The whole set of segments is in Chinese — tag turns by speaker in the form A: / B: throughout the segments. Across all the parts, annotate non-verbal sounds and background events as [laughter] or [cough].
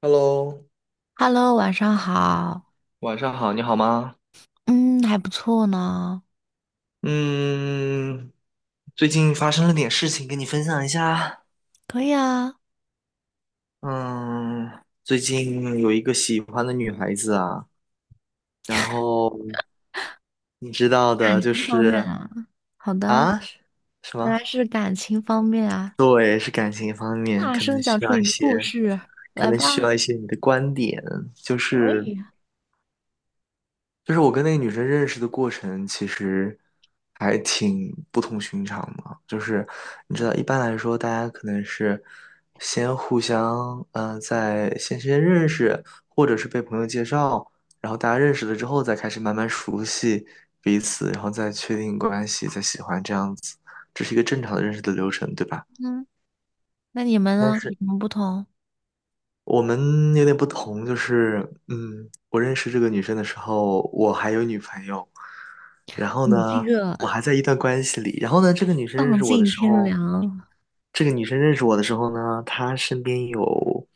A: Hello，
B: Hello，晚上好。
A: 晚上好，你好吗？
B: 嗯，还不错呢。
A: 嗯，最近发生了点事情，跟你分享一下。
B: 可以啊，
A: 嗯，最近有一个喜欢的女孩子啊，然后你知道的，就
B: 方便
A: 是
B: 啊，好的。
A: 啊，什
B: 原
A: 么？
B: 来是感情方面啊，
A: 对，是感情方面，
B: 大声讲出你的故事，
A: 可
B: 来
A: 能需要一
B: 吧。
A: 些你的观点，就
B: 可
A: 是。
B: 以啊。
A: 就是我跟那个女生认识的过程，其实还挺不同寻常的。就是你知道，一般来说，大家可能是先互相，在先认识，或者是被朋友介绍，然后大家认识了之后，再开始慢慢熟悉彼此，然后再确定关系，再喜欢这样子，这是一个正常的认识的流程，对吧？
B: 嗯，那你们
A: 但
B: 呢？
A: 是。
B: 有什么不同？
A: 我们有点不同，就是，我认识这个女生的时候，我还有女朋友，然后
B: 你这
A: 呢，
B: 个
A: 我还在一段关系里，然后呢，这个女生认
B: 丧
A: 识我的
B: 尽
A: 时
B: 天
A: 候，
B: 良。
A: 这个女生认识我的时候呢，她身边有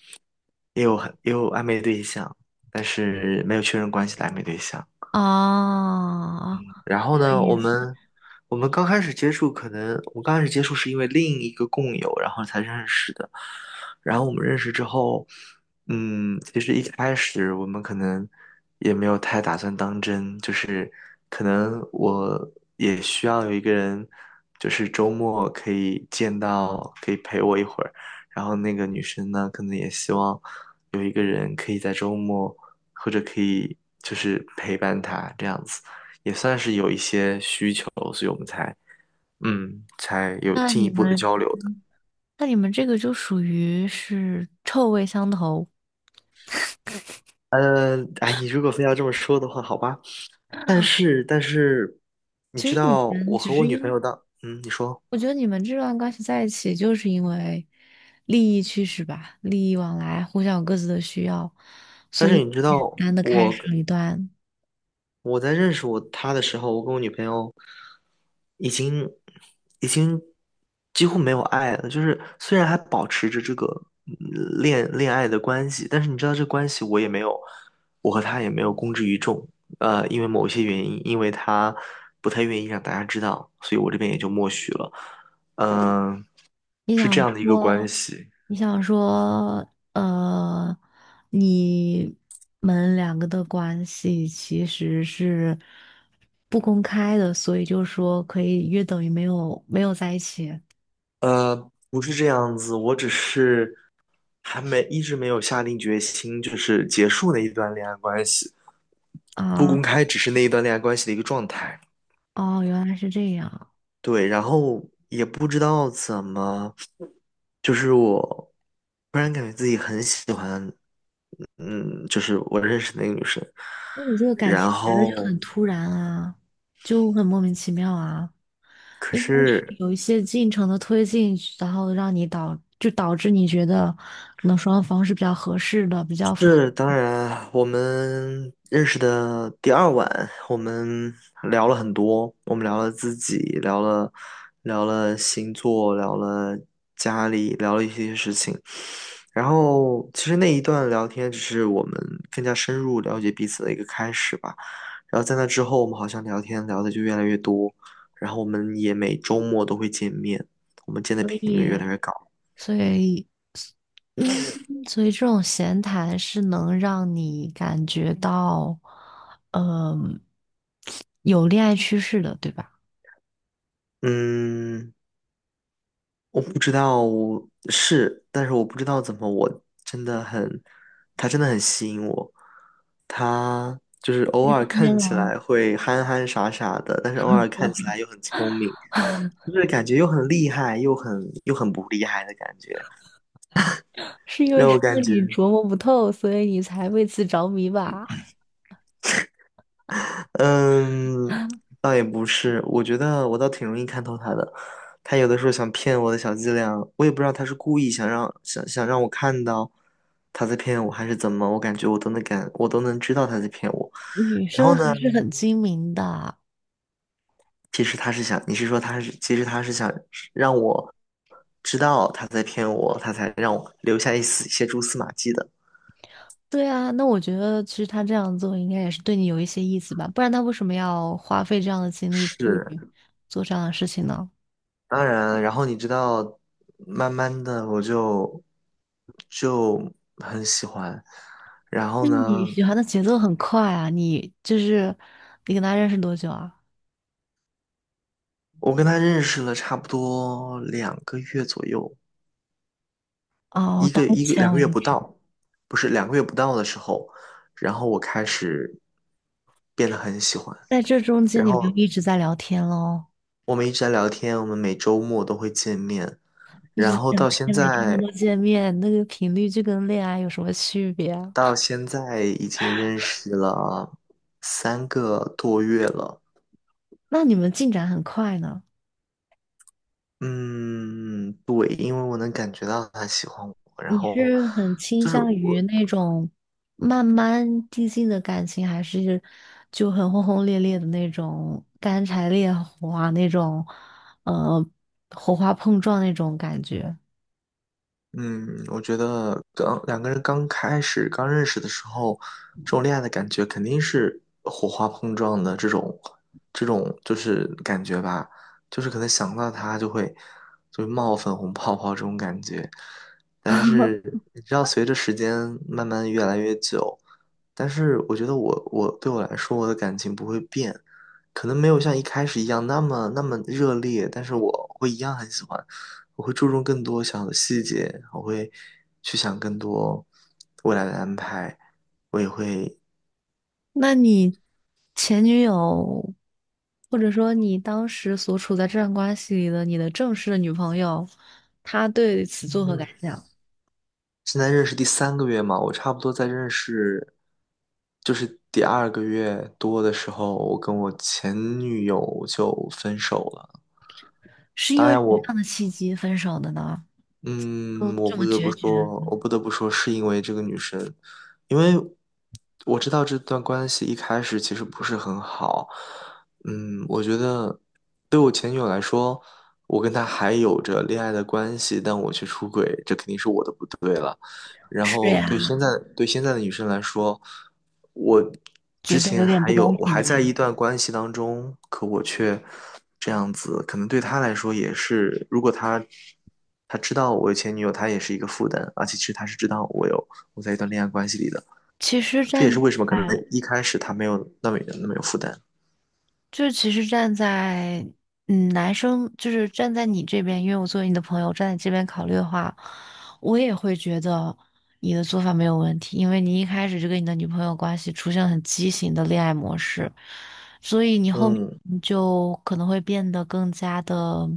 A: 也有暧昧对象，但是没有确认关系的暧昧对象，
B: 哦，
A: 然
B: 这
A: 后
B: 个
A: 呢，
B: 意思。
A: 我们刚开始接触，可能我们刚开始接触是因为另一个共友，然后才认识的。然后我们认识之后，其实一开始我们可能也没有太打算当真，就是可能我也需要有一个人，就是周末可以见到，可以陪我一会儿。然后那个女生呢，可能也希望有一个人可以在周末，或者可以就是陪伴她这样子。也算是有一些需求，嗯，才有
B: 那
A: 进
B: 你
A: 一步的
B: 们，
A: 交流的。
B: 那你们这个就属于是臭味相投。
A: 哎，你如果非要这么说的话，好吧。但是，你
B: 其
A: 知
B: 实你
A: 道，
B: 们
A: 我
B: 只
A: 和
B: 是
A: 我女
B: 因
A: 朋
B: 为。
A: 友的，你说。
B: 我觉得你们这段关系在一起，就是因为利益驱使吧，利益往来，互相有各自的需要，所以简单的开始了一段。
A: 我在认识我他的时候，我跟我女朋友已经已经几乎没有爱了。就是虽然还保持着这个嗯恋爱的关系，但是你知道这关系我也没有，我和他也没有公之于众。因为某些原因，因为他不太愿意让大家知道，所以我这边也就默许了。嗯、
B: 你
A: 是这
B: 想
A: 样的一个关
B: 说，
A: 系。
B: 你想说,呃，你们两个的关系其实是不公开的，所以就说可以约等于没有在一起
A: 不是这样子，我只是。还没一直没有下定决心，就是结束那一段恋爱关系，不
B: 啊。
A: 公开只是那一段恋爱关系的一个状态。
B: 哦，原来是这样。
A: 对，然后也不知道怎么，就是我突然感觉自己很喜欢，就是我认识的那个女生，
B: 那你这个感情
A: 然
B: 来的就
A: 后
B: 很突然啊，就很莫名其妙啊。
A: 可
B: 应该是
A: 是。
B: 有一些进程的推进，然后让你导致你觉得可能双方是比较合适的，比较符合
A: 是，当然，我们认识的第二晚，我们聊了很多，我们聊了自己，聊了星座，聊了家里，聊了一些事情。然后，其实那一段聊天只是我们更加深入了解彼此的一个开始吧。然后在那之后，我们好像聊天聊的就越来越多，然后我们也每周末都会见面，我们见的
B: 利
A: 频率
B: 益，
A: 越来越高。
B: 所以嗯，所以这种闲谈是能让你感觉到，嗯、有恋爱趋势的，对吧？
A: 嗯。我不知道是，但是我不知道怎么，我真的很，他真的很吸引我。他就是偶尔
B: 天
A: 看起
B: 呐，
A: 来会憨憨傻傻的，但是偶尔看起来又很聪明，就是感觉又很厉害，又很不厉害的感觉，
B: 是因为
A: 让我
B: [laughs] 让
A: 感觉。
B: 你琢磨不透，所以你才为此着迷吧？
A: 嗯，倒也不是，我觉得我倒挺容易看透他的。他有的时候想骗我的小伎俩，我也不知道他是故意想让我看到他在骗我，还是怎么。我感觉我都能知道他在骗我。
B: 女
A: 然后
B: 生
A: 呢，
B: 还是很精明的。
A: 其实他是想让我知道他在骗我，他才让我留下一些蛛丝马迹的。
B: 对啊，那我觉得其实他这样做应该也是对你有一些意思吧，不然他为什么要花费这样的精力去
A: 是，
B: 做这样的事情呢？
A: 当然，然后你知道，慢慢的我就很喜欢。然后
B: 那你
A: 呢，
B: 喜欢的节奏很快啊，你就是你跟他认识多久啊？
A: 我跟他认识了差不多两个月左右，
B: 哦，
A: 一
B: 到
A: 个
B: 目
A: 一个
B: 前
A: 两个
B: 为
A: 月不
B: 止，
A: 到，不是两个月不到的时候，然后我开始变得很喜欢。
B: 在这中间
A: 然
B: 你们就
A: 后
B: 一直在聊天喽，
A: 我们一直在聊天，我们每周末都会见面。
B: 一
A: 然
B: 直在
A: 后
B: 聊
A: 到现
B: 天，每天
A: 在，
B: 都见面，那个频率就跟恋爱有什么区别啊？
A: 已经认识了3个多月了。
B: 那你们进展很快呢？
A: 嗯，对，因为我能感觉到他喜欢我，然
B: 你
A: 后
B: 是很倾
A: 就是
B: 向于
A: 我，
B: 那种慢慢递进的感情，还是就很轰轰烈烈的那种干柴烈火啊，那种呃火花碰撞那种感觉？
A: 嗯，我觉得两个人刚开始刚认识的时候，这种恋爱的感觉肯定是火花碰撞的这种，这种就是感觉吧，就是可能想到他就会冒粉红泡泡这种感觉。但是你知道，随着时间慢慢越来越久，但是我觉得我对我来说，我的感情不会变，可能没有像一开始一样那么那么热烈，但是我会一样很喜欢。我会注重更多小的细节，我会去想更多未来的安排，我也会，
B: 那你前女友，或者说你当时所处在这段关系里的你的正式的女朋友，她对此作何感
A: 嗯，
B: 想？
A: 现在认识第三个月嘛，我差不多在认识，就是第二个月多的时候，我跟我前女友就分手了。
B: 是因
A: 当
B: 为
A: 然，
B: 什么样的契机分手的呢？就
A: 我
B: 这
A: 不
B: 么
A: 得不
B: 决绝？
A: 说，是因为这个女生，因为我知道这段关系一开始其实不是很好。我觉得对我前女友来说，我跟她还有着恋爱的关系，但我却出轨，这肯定是我的不对。然
B: 是
A: 后
B: 呀，
A: 对现在的女生来说，我之
B: 觉得有
A: 前
B: 点
A: 还
B: 不
A: 有
B: 公
A: 我
B: 平
A: 还在
B: 啦。
A: 一段关系当中，可我却这样子，可能对她来说也是，如果她知道我有前女友，她也是一个负担，而且其实她是知道我在一段恋爱关系里的，
B: 其实
A: 这也
B: 站
A: 是
B: 在，
A: 为什么可能一开始她没有那么那么有负担。
B: 就其实站在，嗯，男生就是站在你这边，因为我作为你的朋友，站在这边考虑的话，我也会觉得你的做法没有问题，因为你一开始就跟你的女朋友关系出现了很畸形的恋爱模式，所以你后面
A: 嗯
B: 就可能会变得更加的，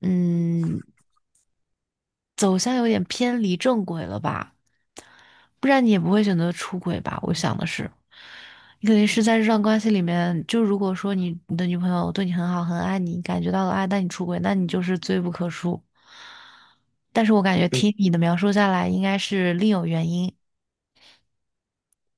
B: 嗯，走向有点偏离正轨了吧。不然你也不会选择出轨吧？我想的是，你肯定是在这段关系里面，就如果说你的女朋友对你很好，很爱你，感觉到了爱，但你出轨，那你就是罪不可恕。但是我感觉
A: 嗯
B: 听你的描述下来，应该是另有原因。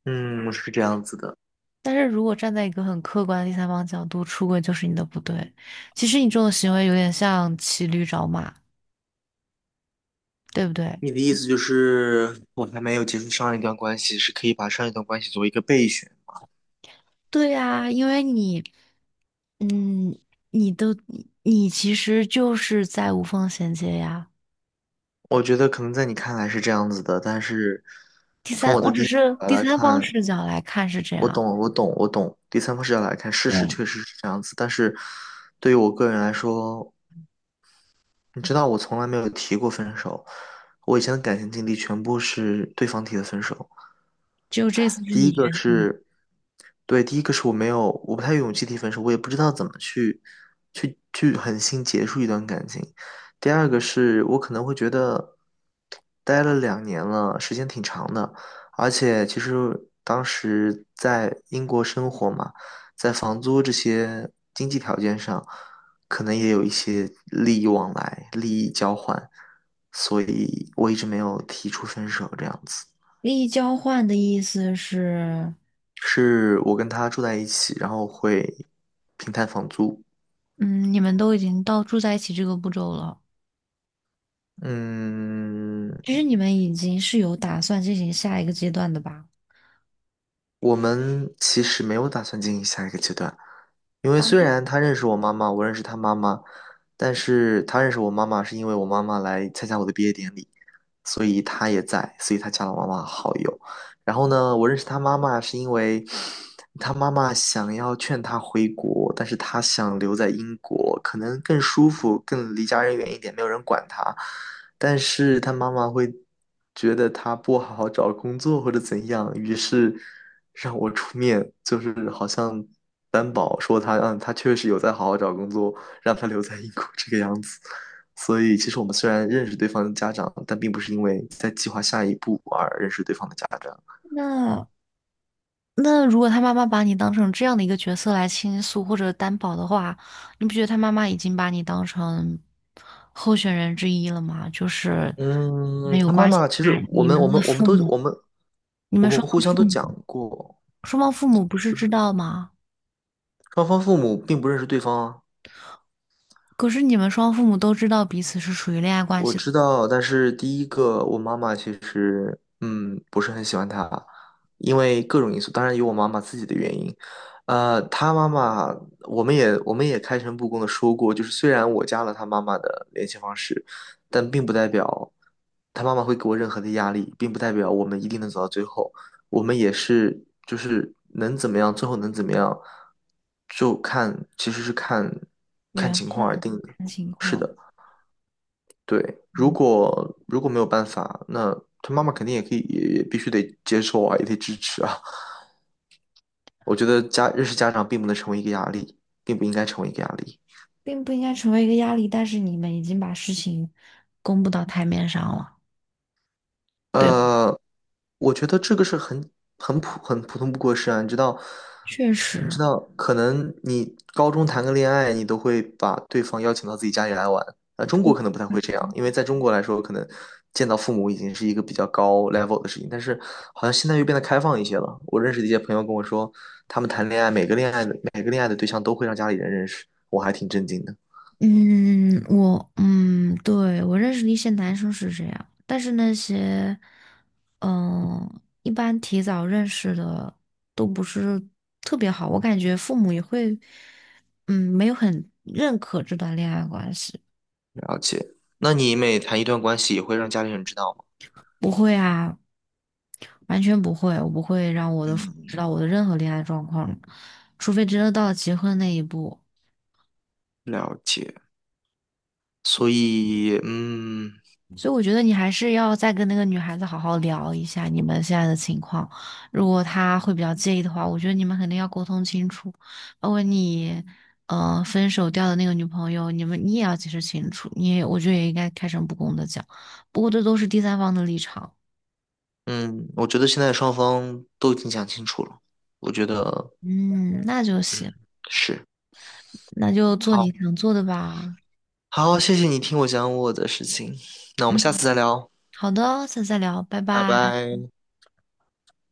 A: 嗯，是这样子的。
B: 但是如果站在一个很客观的第三方角度，出轨就是你的不对。其实你这种行为有点像骑驴找马，对不对？
A: 你的意思就是，我还没有结束上一段关系，是可以把上一段关系作为一个备选。
B: 对呀，因为你，嗯，你都你其实就是在无缝衔接呀。
A: 我觉得可能在你看来是这样子的，但是
B: 第
A: 从
B: 三，
A: 我
B: 我
A: 的第
B: 只
A: 一视
B: 是
A: 角
B: 第
A: 来
B: 三方
A: 看，
B: 视角来看是这
A: 我
B: 样。
A: 懂，我懂，我懂。第三方视角来看，事
B: 对，
A: 实确实是这样子，但是对于我个人来说，你知道，我从来没有提过分手，我以前的感情经历全部是对方提的分手。
B: 就这次是
A: 第
B: 你
A: 一个
B: 决定。
A: 是，对，第一个是我不太有勇气提分手，我也不知道怎么去狠心结束一段感情。第二个是我可能会觉得，待了2年了，时间挺长的，而且其实当时在英国生活嘛，在房租这些经济条件上，可能也有一些利益往来、利益交换，所以我一直没有提出分手这样子。
B: 利益交换的意思是，
A: 是我跟他住在一起，然后会平摊房租。
B: 嗯，你们都已经到住在一起这个步骤了，
A: 嗯，
B: 其实你们已经是有打算进行下一个阶段的吧？
A: 我们其实没有打算进行下一个阶段，因为
B: 啊，
A: 虽然他认识我妈妈，我认识他妈妈，但是他认识我妈妈是因为我妈妈来参加我的毕业典礼，所以他也在，所以他加了我妈妈好友。然后呢，我认识他妈妈是因为他妈妈想要劝他回国，但是他想留在英国，可能更舒服，更离家人远一点，没有人管他。但是他妈妈会觉得他不好好找工作或者怎样，于是。让我出面，就是好像担保说他，他确实有在好好找工作，让他留在英国这个样子。所以，其实我们虽然认识对方的家长，但并不是因为在计划下一步而认识对方的家长。
B: 那那如果他妈妈把你当成这样的一个角色来倾诉或者担保的话，你不觉得他妈妈已经把你当成候选人之一了吗？就是你们
A: 嗯，
B: 有
A: 他妈
B: 关系
A: 妈其实
B: 在，你们的父母，你
A: 我
B: 们
A: 们
B: 双
A: 互
B: 方
A: 相
B: 父
A: 都讲
B: 母。
A: 过，
B: 双方父母不是知道吗？
A: 双方父母并不认识对方啊。
B: 可是你们双方父母都知道彼此是属于恋爱关
A: 我
B: 系的
A: 知道，但是第一个，我妈妈其实不是很喜欢他，因为各种因素，当然有我妈妈自己的原因。他妈妈，我们也开诚布公的说过，就是虽然我加了他妈妈的联系方式，但并不代表他妈妈会给我任何的压力，并不代表我们一定能走到最后。我们也是就是能怎么样，最后能怎么样，就看其实是看
B: 原
A: 情况而定的。
B: 生情
A: 是
B: 况。
A: 的。对，
B: 嗯，
A: 如果没有办法，那他妈妈肯定也可以，也必须得接受啊，也得支持啊。[laughs] 我觉得认识家长并不能成为一个压力，并不应该成为一个压力。
B: 并不应该成为一个压力，但是你们已经把事情公布到台面上了，对吧？
A: 呃，我觉得这个是很普通不过事啊，
B: 确
A: 你知
B: 实。
A: 道，可能你高中谈个恋爱，你都会把对方邀请到自己家里来玩。中国可能不太会这样，因为在中国来说，可能见到父母已经是一个比较高 level 的事情，但是好像现在又变得开放一些了。我认识的一些朋友跟我说，他们谈恋爱，每个恋爱的对象都会让家里人认识，我还挺震惊的。
B: 对，我认识的一些男生是这样，但是那些，嗯，一般提早认识的都不是特别好，我感觉父母也会，嗯，没有很认可这段恋爱关系。
A: 了解，那你每谈一段关系，也会让家里人知道吗？
B: 不会啊，完全不会，我不会让我的父母知道
A: 嗯，
B: 我的任何恋爱状况，除非真的到了结婚那一步。
A: 了解。所以，
B: 所以我觉得你还是要再跟那个女孩子好好聊一下你们现在的情况。如果她会比较介意的话，我觉得你们肯定要沟通清楚。包括你，呃，分手掉的那个女朋友，你也要解释清楚。你也，我觉得也应该开诚布公的讲。不过这都是第三方的立场。
A: 嗯，我觉得现在双方都已经讲清楚了。我觉得，
B: 嗯，那就行，
A: 嗯，是，
B: 那就做你
A: 好，
B: 想做的吧。
A: 好，谢谢你听我讲我的事情，那我们下次
B: 嗯，
A: 再聊，
B: 好的，下次再聊，拜
A: 拜
B: 拜。
A: 拜。